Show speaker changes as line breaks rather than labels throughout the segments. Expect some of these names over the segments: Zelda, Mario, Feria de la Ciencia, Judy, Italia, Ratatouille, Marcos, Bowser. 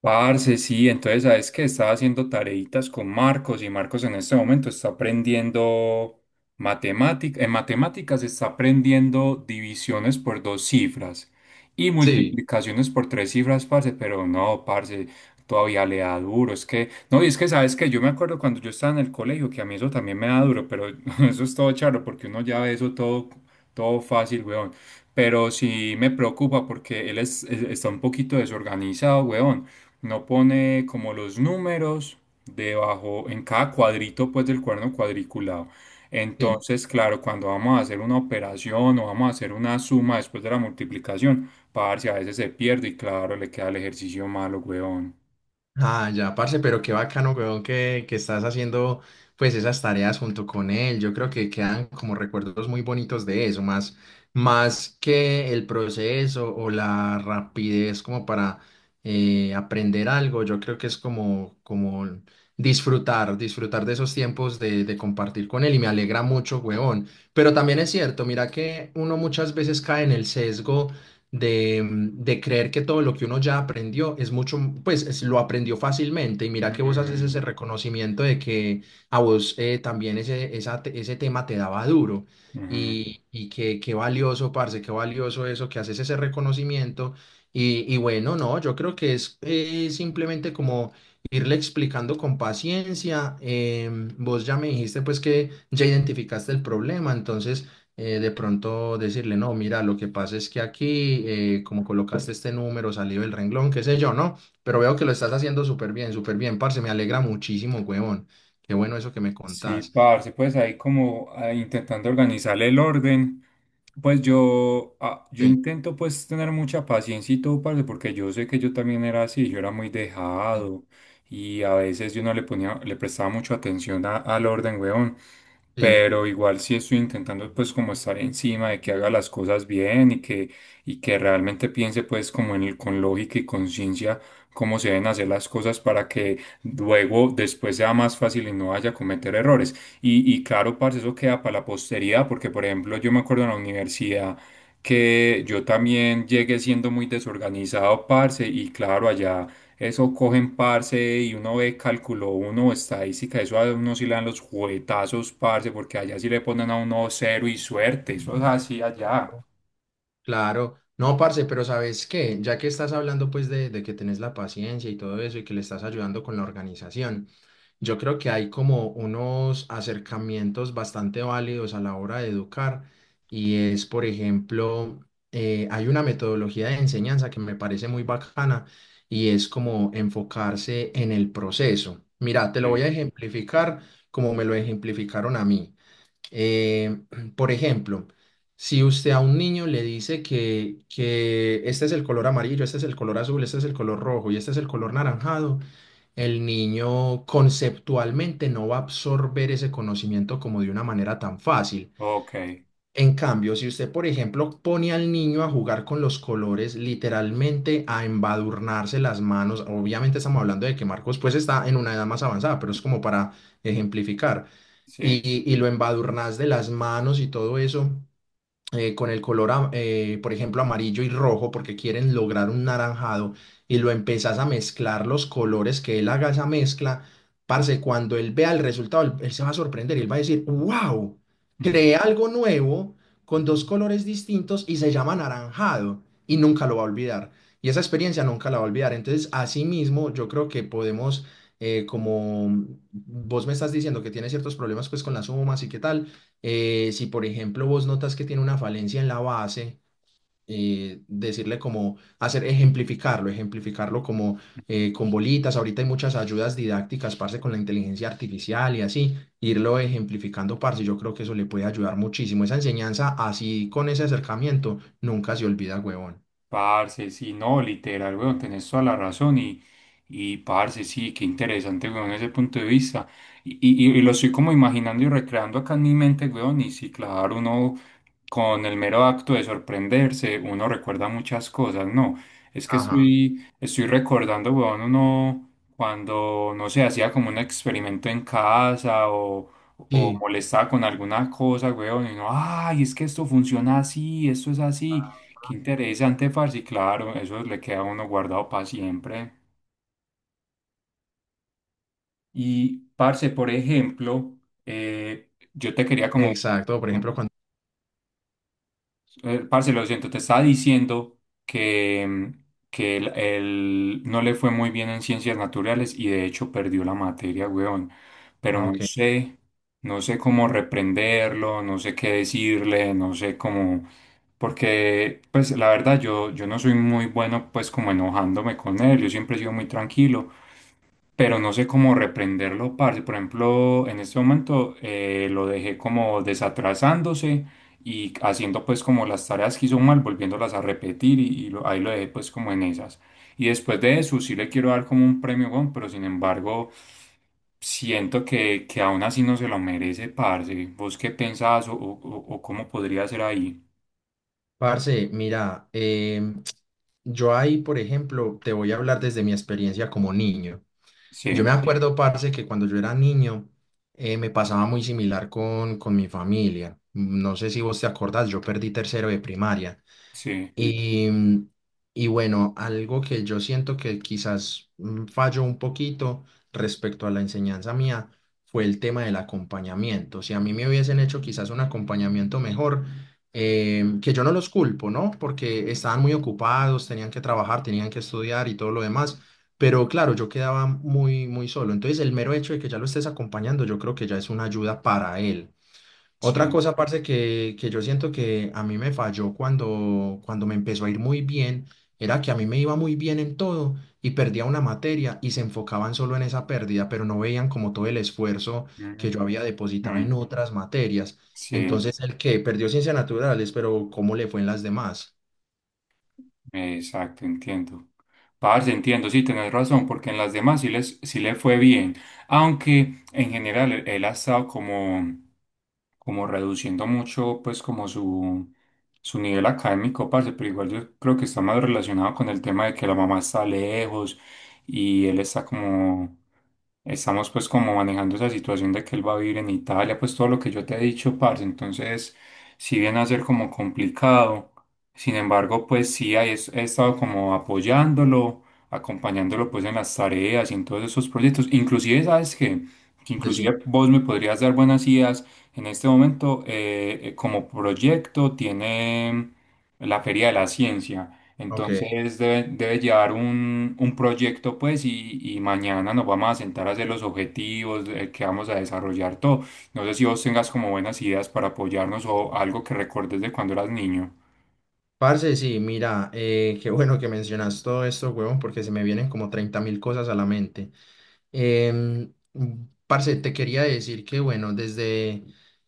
Parce, sí, entonces sabes que estaba haciendo tareitas con Marcos y Marcos en este momento está aprendiendo matemática, en matemáticas está aprendiendo divisiones por dos cifras y
Sí,
multiplicaciones por tres cifras, parce, pero no, parce, todavía le da duro, es que, no, y es que sabes que yo me acuerdo cuando yo estaba en el colegio que a mí eso también me da duro, pero eso es todo charro porque uno ya ve eso todo, todo fácil, weón. Pero sí me preocupa porque él está un poquito desorganizado, weón. No pone como los números debajo, en cada cuadrito pues del cuerno cuadriculado.
sí.
Entonces, claro, cuando vamos a hacer una operación o vamos a hacer una suma después de la multiplicación, parce, a veces se pierde y claro, le queda el ejercicio malo, weón.
Ah, ya, parce, pero qué bacano, weón, que estás haciendo pues esas tareas junto con él. Yo creo que quedan como recuerdos muy bonitos de eso, más que el proceso o la rapidez como para aprender algo. Yo creo que es como disfrutar de esos tiempos de compartir con él y me alegra mucho, weón. Pero también es cierto, mira que uno muchas veces cae en el sesgo de creer que todo lo que uno ya aprendió es mucho, pues lo aprendió fácilmente y mira que vos haces
Mm,
ese reconocimiento de que a vos también esa ese tema te daba duro
ujú.
y que qué valioso, parce, qué valioso eso, que haces ese reconocimiento y bueno, no, yo creo que es simplemente como irle explicando con paciencia, vos ya me dijiste pues que ya identificaste el problema, entonces de pronto decirle, no, mira, lo que pasa es que aquí, como colocaste este número, salió el renglón, qué sé yo, ¿no? Pero veo que lo estás haciendo súper bien, parce, me alegra muchísimo, huevón. Qué bueno eso que me
Sí,
contás.
parce, pues ahí como ah, intentando organizar el orden, pues yo, yo
Sí,
intento pues tener mucha paciencia y todo, parce, porque yo sé que yo también era así, yo era muy
sí,
dejado y a veces yo no le ponía, le prestaba mucha atención al orden, weón,
sí.
pero igual sí estoy intentando pues como estar encima de que haga las cosas bien y que realmente piense pues como en el, con lógica y conciencia cómo se deben hacer las cosas para que después sea más fácil y no vaya a cometer errores. Y claro, parce, eso queda para la posteridad, porque por ejemplo, yo me acuerdo en la universidad que yo también llegué siendo muy desorganizado, parce, y claro, allá eso cogen, parce, y uno ve cálculo uno, estadística, eso a uno sí le dan los juguetazos, parce, porque allá sí le ponen a uno cero y suerte, eso es así allá.
Claro, no, parce, pero ¿sabes qué? Ya que estás hablando pues de que tenés la paciencia y todo eso y que le estás ayudando con la organización, yo creo que hay como unos acercamientos bastante válidos a la hora de educar y es, por ejemplo, hay una metodología de enseñanza que me parece muy bacana y es como enfocarse en el proceso. Mira, te lo voy a
Sí,
ejemplificar como me lo ejemplificaron a mí. Eh, por ejemplo, si usted a un niño le dice que este es el color amarillo, este es el color azul, este es el color rojo y este es el color naranjado, el niño conceptualmente no va a absorber ese conocimiento como de una manera tan fácil.
ok,
En cambio, si usted, por ejemplo, pone al niño a jugar con los colores, literalmente a embadurnarse las manos, obviamente estamos hablando de que Marcos pues está en una edad más avanzada, pero es como para ejemplificar,
sí.
y lo embadurnas de las manos y todo eso, con el color, por ejemplo, amarillo y rojo, porque quieren lograr un naranjado, y lo empezás a mezclar los colores que él haga esa mezcla, parce, cuando él vea el resultado, él se va a sorprender, él va a decir, wow, creé algo nuevo con dos
Mm.
colores distintos y se llama naranjado, y nunca lo va a olvidar. Y esa experiencia nunca la va a olvidar. Entonces, así mismo, yo creo que podemos, como vos me estás diciendo que tienes ciertos problemas pues con las sumas y qué tal, si por ejemplo vos notas que tiene una falencia en la base, decirle como hacer ejemplificarlo como con bolitas. Ahorita hay muchas ayudas didácticas, parce, con la inteligencia artificial y así, irlo ejemplificando, parce. Yo creo que eso le puede ayudar muchísimo. Esa enseñanza así con ese acercamiento nunca se olvida, huevón.
Parce, sí, no, literal, weón, tenés toda la razón y, parce, sí, qué interesante, weón, ese punto de vista. Y lo estoy como imaginando y recreando acá en mi mente, weón, y sí, claro, uno con el mero acto de sorprenderse, uno recuerda muchas cosas, ¿no? Es que, sí,
Ajá.
estoy recordando, weón, uno cuando, no sé, hacía como un experimento en casa o
Sí,
molestaba con alguna cosa, weón, y uno, ay, es que esto funciona así, esto es así, qué interesante, parce, y claro, eso le queda a uno guardado para siempre. Y, parce, por ejemplo, yo te quería como...
exacto. Por ejemplo, cuando...
Parce, lo siento, te estaba diciendo que, que él no le fue muy bien en ciencias naturales y de hecho perdió la materia, weón. Pero
Ah,
no
ok.
sé, no sé cómo reprenderlo, no sé qué decirle, no sé cómo... Porque, pues, la verdad, yo no soy muy bueno, pues, como enojándome con él, yo siempre he sido muy tranquilo pero no sé cómo reprenderlo, parce. Por ejemplo, en este momento lo dejé como desatrasándose y haciendo pues como las tareas que hizo mal, volviéndolas a repetir y ahí lo dejé pues como en esas. Y después de eso sí le quiero dar como un premio, weón, pero sin embargo siento que aún así no se lo merece, parce. ¿Vos qué pensás o cómo podría ser ahí?
Parce, mira, yo ahí, por ejemplo, te voy a hablar desde mi experiencia como niño. Yo me
Sí,
Sí. acuerdo, parce, que cuando yo era niño me pasaba muy similar con mi familia. No sé si vos te acordás, yo perdí tercero de primaria.
sí,
Y, mm, y bueno, algo que yo siento que quizás falló un poquito respecto a la enseñanza mía fue el tema del acompañamiento. Si a mí me hubiesen hecho quizás un acompañamiento mejor, que yo no los culpo, ¿no? Porque estaban muy ocupados, tenían que trabajar, tenían que estudiar y todo lo demás, pero claro, yo quedaba muy, muy solo. Entonces, el mero hecho de que ya lo estés acompañando, yo creo que ya es una ayuda para él. Otra
sí.
cosa, parce, que yo siento que a mí me falló cuando me empezó a ir muy bien, era que a mí me iba muy bien en todo y perdía una materia y se enfocaban solo en esa pérdida, pero no veían como todo el esfuerzo
Mm,
que yo
mm,
había depositado
mm,
en otras materias.
sí.
Entonces, el que perdió ciencias naturales, pero ¿cómo le fue en las demás?
Exacto, entiendo. Parce, entiendo, sí, tenés razón, porque en las demás sí, sí le fue bien, aunque en general él ha estado como reduciendo mucho, pues como su nivel académico, parce, pero igual yo creo que está más relacionado con el tema de que la mamá está lejos y estamos pues como manejando esa situación de que él va a vivir en Italia, pues todo lo que yo te he dicho, parce, entonces, si viene a ser como complicado. Sin embargo, pues sí, he estado como apoyándolo, acompañándolo pues en las tareas y en todos esos proyectos. Inclusive, ¿sabes qué? Que
Pues sí,
inclusive vos me podrías dar buenas ideas. En este momento, como proyecto, tiene la Feria de la Ciencia.
ok.
Entonces debe llevar un proyecto pues y mañana nos vamos a sentar a hacer los objetivos que vamos a desarrollar todo. No sé si vos tengas como buenas ideas para apoyarnos o algo que recordes de cuando eras niño.
Parce, sí, mira, qué bueno que mencionas todo esto, huevón, porque se me vienen como 30 mil cosas a la mente. Em, parce, te quería decir que, bueno, desde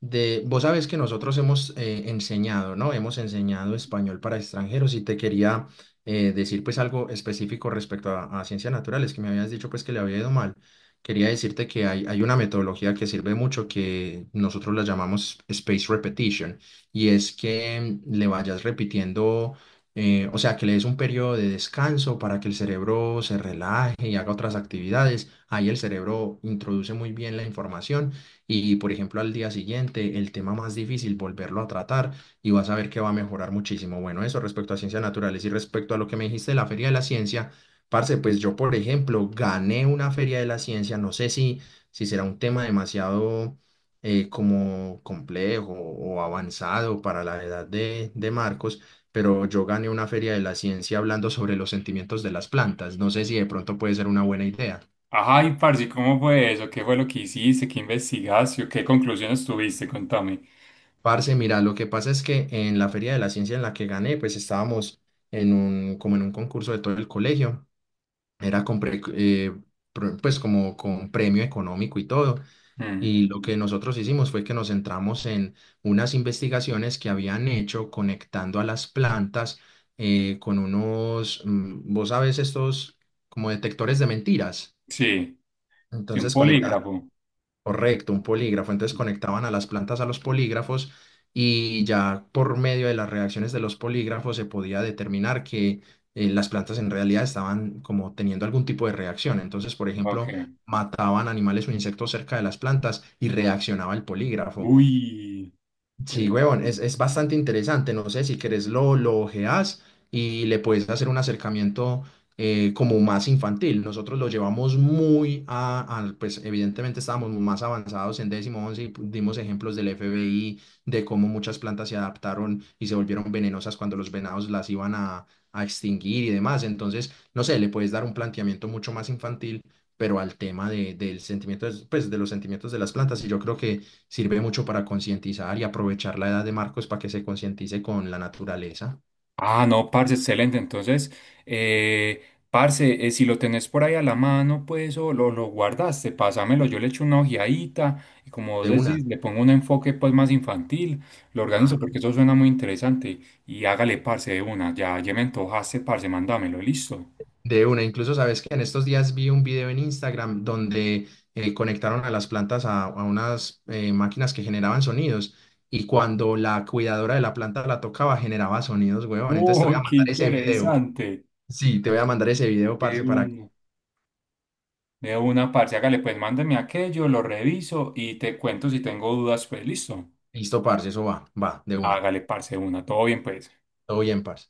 vos sabes que nosotros hemos enseñado, ¿no? Hemos enseñado español para extranjeros y te quería decir pues algo específico respecto a ciencias naturales, que me habías dicho pues que le había ido mal. Quería decirte que hay una metodología que sirve mucho que nosotros la llamamos space repetition y es que le vayas repitiendo o sea, que le des un periodo de descanso para que el cerebro se relaje y haga otras actividades. Ahí el cerebro introduce muy bien la información y, por ejemplo, al día siguiente, el tema más difícil, volverlo a tratar y vas a ver que va a mejorar muchísimo. Bueno, eso respecto a ciencias naturales y respecto a lo que me dijiste de la Feria de la Ciencia, parce, pues yo, por ejemplo, gané una Feria de la Ciencia, no sé si será un tema demasiado como complejo o avanzado para la edad de Marcos, pero yo gané una feria de la ciencia hablando sobre los sentimientos de las plantas. No sé si de pronto puede ser una buena idea.
Ay, parce, ¿cómo fue eso? ¿Qué fue lo que hiciste? ¿Qué investigaste? ¿O qué conclusiones tuviste? Contame.
Parce, mira, lo que pasa es que en la feria de la ciencia en la que gané, pues estábamos en un, como en un concurso de todo el colegio. Era con pues como con premio económico y todo.
Mm,
Y lo que nosotros hicimos fue que nos centramos en unas investigaciones que habían hecho conectando a las plantas con unos, vos sabes, estos como detectores de mentiras.
sí, sí, un
Entonces conectaban,
polígrafo.
correcto, un polígrafo. Entonces conectaban a las plantas a los polígrafos y ya por medio de las reacciones de los polígrafos se podía determinar que las plantas en realidad estaban como teniendo algún tipo de reacción. Entonces, por
Ok.
ejemplo, mataban animales o insectos cerca de las plantas y reaccionaba el polígrafo.
Uy,
Sí,
interesante.
huevón, es bastante interesante. No sé si querés lo ojeás y le puedes hacer un acercamiento como más infantil. Nosotros lo llevamos muy pues evidentemente estábamos más avanzados en décimo once y dimos ejemplos del FBI, de cómo muchas plantas se adaptaron y se volvieron venenosas cuando los venados las iban a extinguir y demás. Entonces, no sé, le puedes dar un planteamiento mucho más infantil, pero al tema del sentimiento, pues de los sentimientos de las plantas. Y yo creo que sirve mucho para concientizar y aprovechar la edad de Marcos para que se concientice con la naturaleza.
Ah, no, parce, excelente. Entonces, eh, parce, si lo tenés por ahí a la mano, pues, o lo guardaste, pásamelo. Yo le echo una ojeadita y como vos
De una.
decís, le pongo un enfoque, pues, más infantil. Lo organizo
Ajá.
porque eso suena muy interesante. Y hágale, parce, de una. Ya, ya me antojaste, parce, mándamelo. Listo.
De una. Incluso sabes que en estos días vi un video en Instagram donde conectaron a las plantas a unas máquinas que generaban sonidos. Y cuando la cuidadora de la planta la tocaba, generaba sonidos, huevón. Entonces te voy
Uy,
a
qué
mandar ese video.
interesante.
Sí, te voy a mandar ese video, parce,
De
para que.
una. De una, parce. Hágale, pues mándame aquello, lo reviso y te cuento si tengo dudas, pues listo.
Listo, parce, eso va, va, de una.
Hágale, parce, de una. Todo bien, pues.
Todo bien, parce.